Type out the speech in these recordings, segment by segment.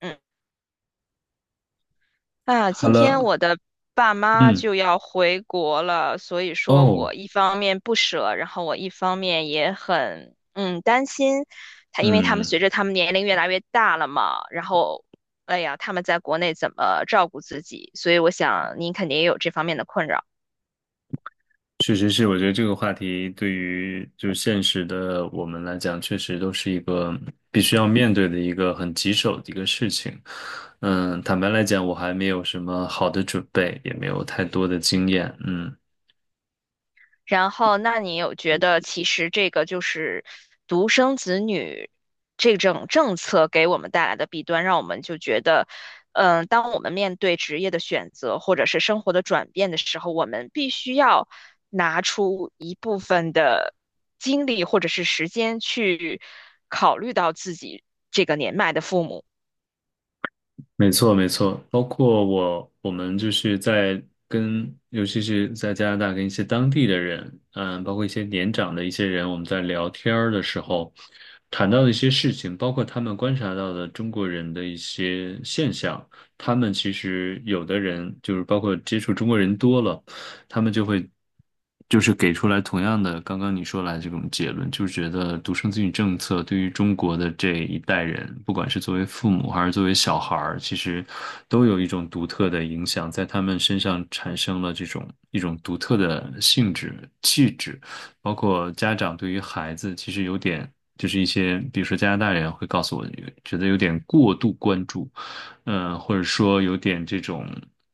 嗯，好今天了。我的爸妈嗯。就要回国了，所以说哦。我一方面不舍，然后我一方面也很担心他，因为他们嗯。随着他们年龄越来越大了嘛，然后哎呀，他们在国内怎么照顾自己？所以我想您肯定也有这方面的困扰。确实是，我觉得这个话题对于就现实的我们来讲，确实都是一个必须要面对的一个很棘手的一个事情。坦白来讲，我还没有什么好的准备，也没有太多的经验。嗯。然后，那你有觉得其实这个就是独生子女这种政策给我们带来的弊端，让我们就觉得，嗯，当我们面对职业的选择或者是生活的转变的时候，我们必须要拿出一部分的精力或者是时间去考虑到自己这个年迈的父母没错，没错，包括我，我们就是尤其是在加拿大跟一些当地的人，包括一些年长的一些人，我们在聊天儿的时候，谈到的一些事情，包括他们观察到的中国人的一些现象，他们其实有的人就是包括接触中国人多了。他们就会就是给出来同样的刚刚你说来这种结论，就是觉得独生子女政策对于中国的这一代人，不管是作为父母还是作为小孩儿，其实都有一种独特的影响，在他们身上产生了这种一种独特的性质、气质，包括家长对于孩子其实就是一些，比如说加拿大人会告诉我，觉得有点过度关注，或者说有点这种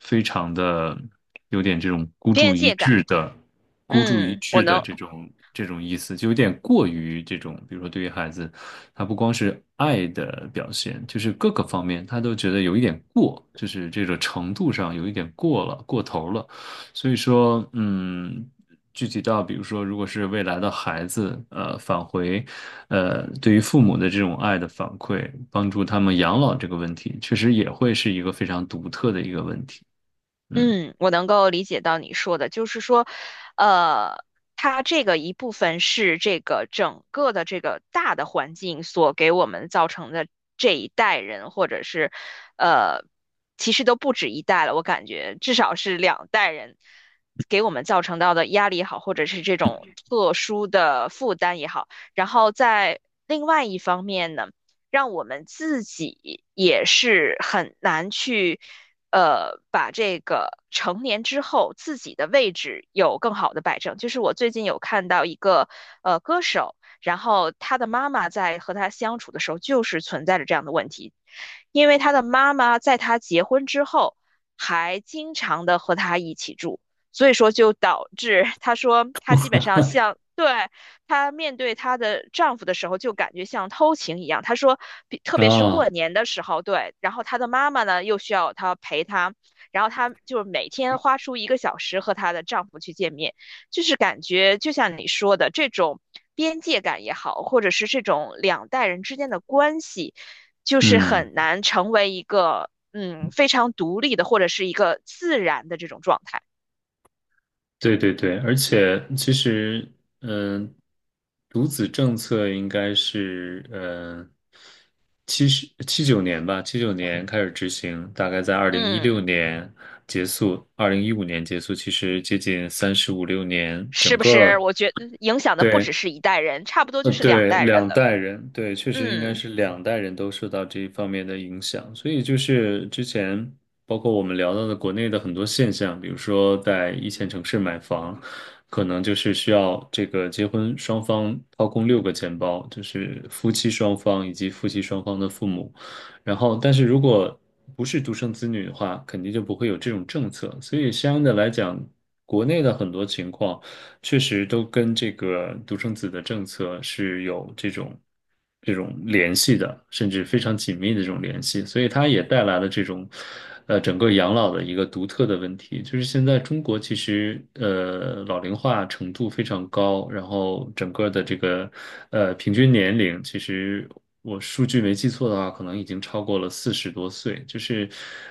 非常的有点这种孤注边一界感。掷的孤注一嗯，我掷的能，这种意思，就有点过于这种，比如说对于孩子，他不光是爱的表现，就是各个方面他都觉得有一点过，就是这个程度上有一点过了，过头了。所以说，具体到比如说，如果是未来的孩子，对于父母的这种爱的反馈，帮助他们养老这个问题，确实也会是一个非常独特的一个问题。嗯。嗯，我能够理解到你说的，就是说，呃，它这个一部分是这个整个的这个大的环境所给我们造成的这一代人，或者是，呃，其实都不止一代了，我感觉至少是两代人给我们造成到的压力也好，或者是这种特殊的负担也好，然后在另外一方面呢。让我们自己也是很难去。把这个成年之后自己的位置有更好的摆正。就是我最近有看到一个歌手，然后他的妈妈在和他相处的时候，就是存在着这样的问题，因为他的妈妈在他结婚之后还经常的和他一起住，所以说就导致他说他基本上像。对，她面对她的丈夫的时候，就感觉像偷情一样。她说，比特别是啊。过年的时候，对，然后她的妈妈呢又需要她陪她，然后她就是每天花出一个小时和她的丈夫去见面，就是感觉就像你说的这种边界感也好，或者是这种两代人之间的关系，就是嗯。很难成为一个非常独立的或者是一个自然的这种状态。对对对，而且其实，嗯、独子政策应该是，七九年吧，七九年开始执行，大概在二零一六嗯。年结束，2015年结束，其实接近三十五六年，是不是？我觉得影响的不只对，是一代人，差不多就是两对，代人两了。代人，对，确实应该嗯是两代人都受到这一方面的影响，所以就是之前包括我们聊到的国内的很多现象，比如说在一线城市买房，可能就是需要这个结婚双方掏空六个钱包，就是夫妻双方以及夫妻双方的父母，然后但是如果不是独生子女的话，肯定就不会有这种政策，所以相应的来讲，国内的很多情况，确实都跟这个独生子的政策是有这种联系的，甚至非常紧密的这种联系，所以它也带来了这种整个养老的一个独特的问题，就是现在中国其实老龄化程度非常高，然后整个的这个平均年龄其实，我数据没记错的话，可能已经超过了40多岁，就是，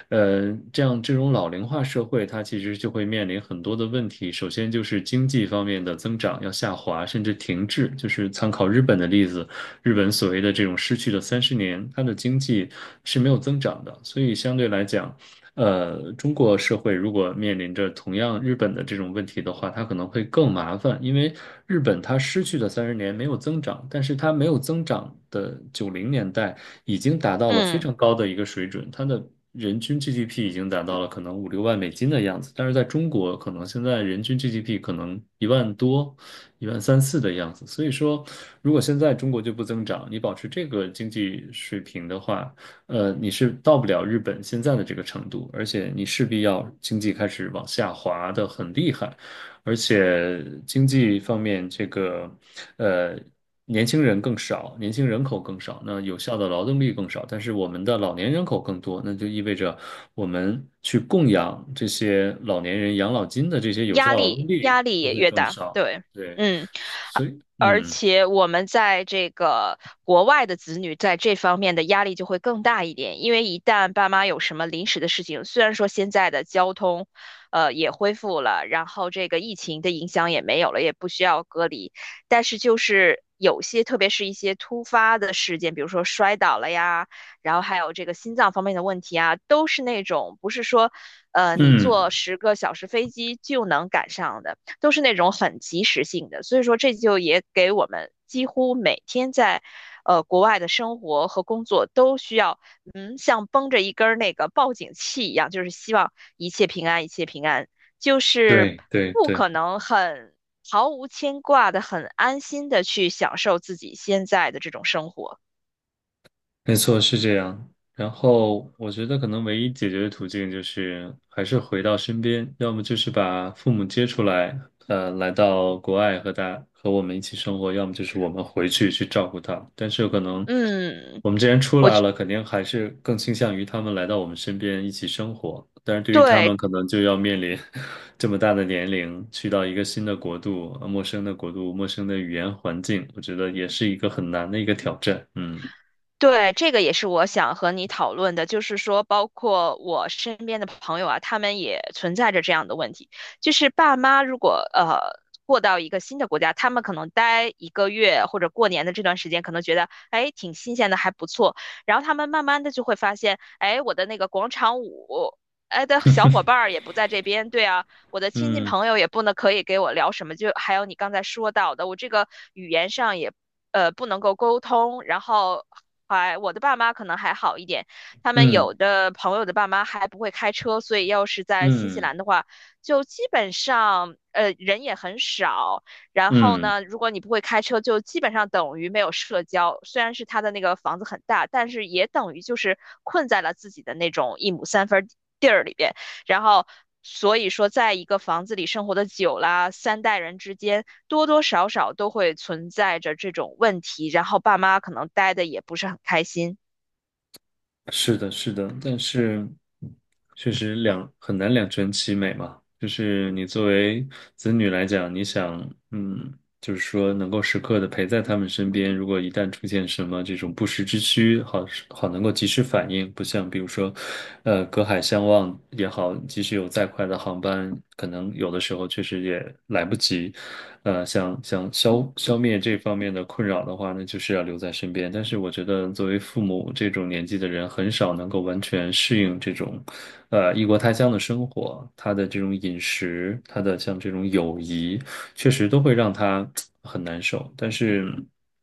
这样这种老龄化社会，它其实就会面临很多的问题。首先就是经济方面的增长要下滑，甚至停滞。就是参考日本的例子，日本所谓的这种失去的三十年，它的经济是没有增长的，所以相对来讲，中国社会如果面临着同样日本的这种问题的话，它可能会更麻烦，因为日本它失去的三十年没有增长，但是它没有增长的90年代已经达到了非嗯。常高的一个水准，它的人均 GDP 已经达到了可能五六万美金的样子，但是在中国可能现在人均 GDP 可能1万多、一万三四的样子，所以说如果现在中国就不增长，你保持这个经济水平的话，你是到不了日本现在的这个程度，而且你势必要经济开始往下滑的很厉害，而且经济方面这个，呃，年轻人更少，年轻人口更少，那有效的劳动力更少，但是我们的老年人口更多，那就意味着我们去供养这些老年人养老金的这些有效压劳动力压力力就也会越更大，少，对，对，嗯，啊所以，而嗯且我们在这个国外的子女在这方面的压力就会更大一点，因为一旦爸妈有什么临时的事情，虽然说现在的交通，也恢复了，然后这个疫情的影响也没有了，也不需要隔离，但是就是有些，特别是一些突发的事件，比如说摔倒了呀。然后还有这个心脏方面的问题啊，都是那种不是说你坐嗯，10个小时飞机就能赶上的，都是那种很及时性的。所以说，这就也给我们几乎每天在国外的生活和工作都需要，嗯，像绷着一根儿那个报警器一样，就是希望一切平安，一切平安，就是对对不对。可能很毫无牵挂的、很安心的去享受自己现在的这种生活。没错，是这样。然后我觉得可能唯一解决的途径就是还是回到身边，要么就是把父母接出来，来到国外和我们一起生活，要么就是我们回去去照顾他。但是可能嗯，我们既然出我来觉了，肯定还是更倾向于他们来到我们身边一起生活。但是对于他对们，可能就要面临 这么大的年龄，去到一个新的国度、陌生的国度、陌生的语言环境，我觉得也是一个很难的一个挑战。嗯。对，这个也是我想和你讨论的，就是说，包括我身边的朋友啊，他们也存在着这样的问题，就是爸妈如果过到一个新的国家，他们可能待一个月或者过年的这段时间，可能觉得哎挺新鲜的，还不错，然后他们慢慢的就会发现，哎，我的那个广场舞。哎的小伙 伴儿也不在这边，对啊，我的亲戚嗯。朋友也不能可以给我聊什么，就还有你刚才说到的，我这个语言上也不能够沟通，然后还我的爸妈可能还好一点，他们嗯。有的朋友的爸妈还不会开车，所以要是在新西嗯。兰的话，就基本上人也很少，然后嗯。呢，如果你不会开车，就基本上等于没有社交。虽然是他的那个房子很大，但是也等于就是困在了自己的那种一亩三分地儿里边。然后，所以说，在一个房子里生活的久啦，三代人之间多多少少都会存在着这种问题，然后爸妈可能待的也不是很开心。是的，是的，但是确实很难两全其美嘛。就是你作为子女来讲，你想，嗯，就是说能够时刻的陪在他们身边，如果一旦出现什么这种不时之需，好能够及时反应，不像比如说，隔海相望也好，即使有再快的航班，可能有的时候确实也来不及，想想消灭这方面的困扰的话呢，就是要留在身边。但是我觉得作为父母这种年纪的人，很少能够完全适应这种，异国他乡的生活，他的这种饮食，他的像这种友谊，确实都会让他很难受。但是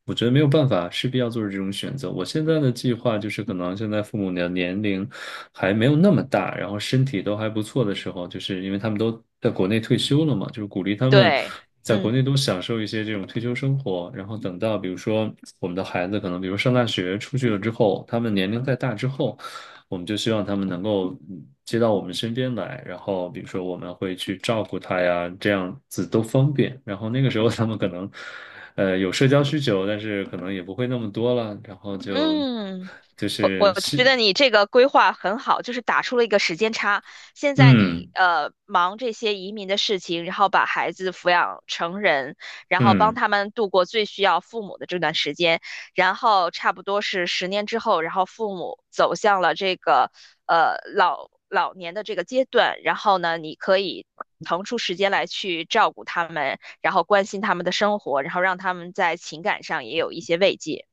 我觉得没有办法，势必要做出这种选择。我现在的计划就是，可能现在父母的年龄还没有那么大，然后身体都还不错的时候，就是因为他们都在国内退休了嘛，就是鼓励他们对，在国嗯内都享受一些这种退休生活，然后等到比如说我们的孩子可能，比如上大学出去了之后，他们年龄再大之后，我们就希望他们能够接到我们身边来，然后比如说我们会去照顾他呀，这样子都方便。然后那个时候他们可能，有社交需求，但是可能也不会那么多了，然后就嗯。就我是我觉是得你这个规划很好，就是打出了一个时间差。现在你嗯。忙这些移民的事情，然后把孩子抚养成人，然后帮嗯。他们度过最需要父母的这段时间，然后差不多是10年之后，然后父母走向了这个老老年的这个阶段，然后呢，你可以。腾出时间来去照顾他们，然后关心他们的生活，然后让他们在情感上也有一些慰藉。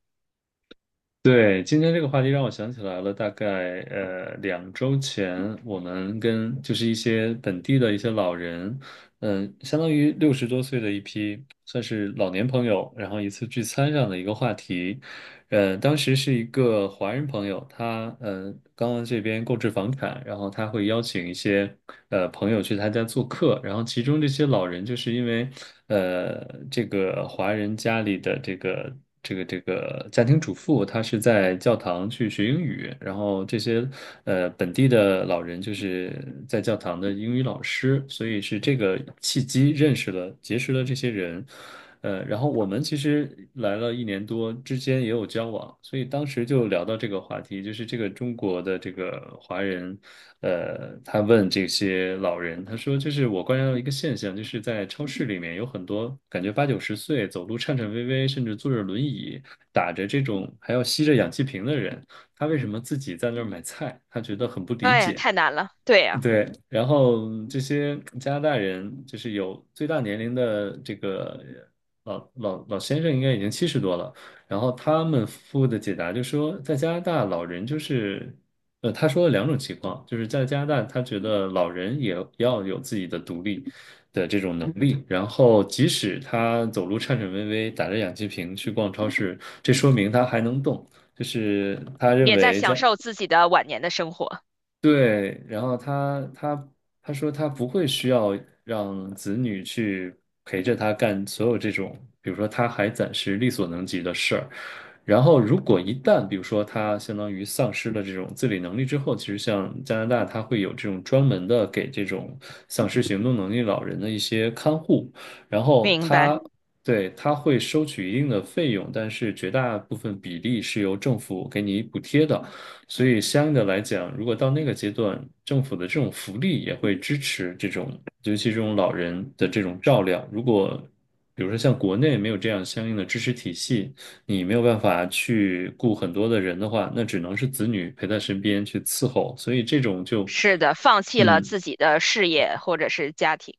对，今天这个话题让我想起来了，大概两周前，我们跟就是一些本地的一些老人，嗯，相当于60多岁的一批，算是老年朋友，然后一次聚餐上的一个话题。当时是一个华人朋友，他刚刚这边购置房产，然后他会邀请一些朋友去他家做客，然后其中这些老人就是因为呃这个华人家里的这个家庭主妇，她是在教堂去学英语，然后这些本地的老人就是在教堂的英语老师，所以是这个契机认识了结识了这些人。然后我们其实来了一年多，之间也有交往，所以当时就聊到这个话题，就是这个中国的这个华人，他问这些老人，他说，就是我观察到一个现象，就是在超市里面有很多感觉八九十岁，走路颤颤巍巍，甚至坐着轮椅，打着这种还要吸着氧气瓶的人，他为什么自己在那儿买菜？他觉得很不理哎呀，解。太难了，对呀。对，然后这些加拿大人就是有最大年龄的这个老先生，应该已经70多了。然后他们夫的解答就说，在加拿大老人就是，他说了两种情况，就是在加拿大他觉得老人也要有自己的独立的这种能力，然后即使他走路颤颤巍巍，打着氧气瓶去逛超市，这说明他还能动。就是他认也在为享受自己的晚年的生活。对，然后他说他不会需要让子女去陪着他干所有这种，比如说他还暂时力所能及的事儿。然后如果一旦比如说他相当于丧失了这种自理能力之后，其实像加拿大，他会有这种专门的给这种丧失行动能力老人的一些看护，然后明白，他。对，他会收取一定的费用，但是绝大部分比例是由政府给你补贴的。所以相应的来讲，如果到那个阶段，政府的这种福利也会支持这种，尤其这种老人的这种照料。如果比如说像国内没有这样相应的支持体系，你没有办法去雇很多的人的话，那只能是子女陪在身边去伺候。所以这种就，是的，放弃了嗯，自己的事业或者是家庭、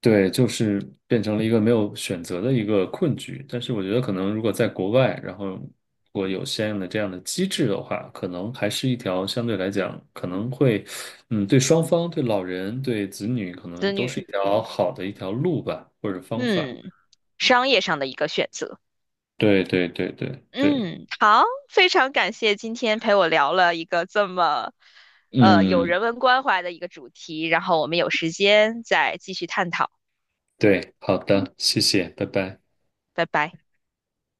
对，就是变成了一个没有选择的一个困局。但是我觉得，可能如果在国外，然后如果有相应的这样的机制的话，可能还是一条相对来讲，可能会，嗯，对双方、对老人、对子女，可能子都是一女，条好的一条路吧，或者方法。嗯，商业上的一个选择。对对对对对，嗯，好，非常感谢今天陪我聊了一个这么，有嗯，人文关怀的一个主题，然后我们有时间再继续探讨，对，好的，谢谢，拜拜。拜拜。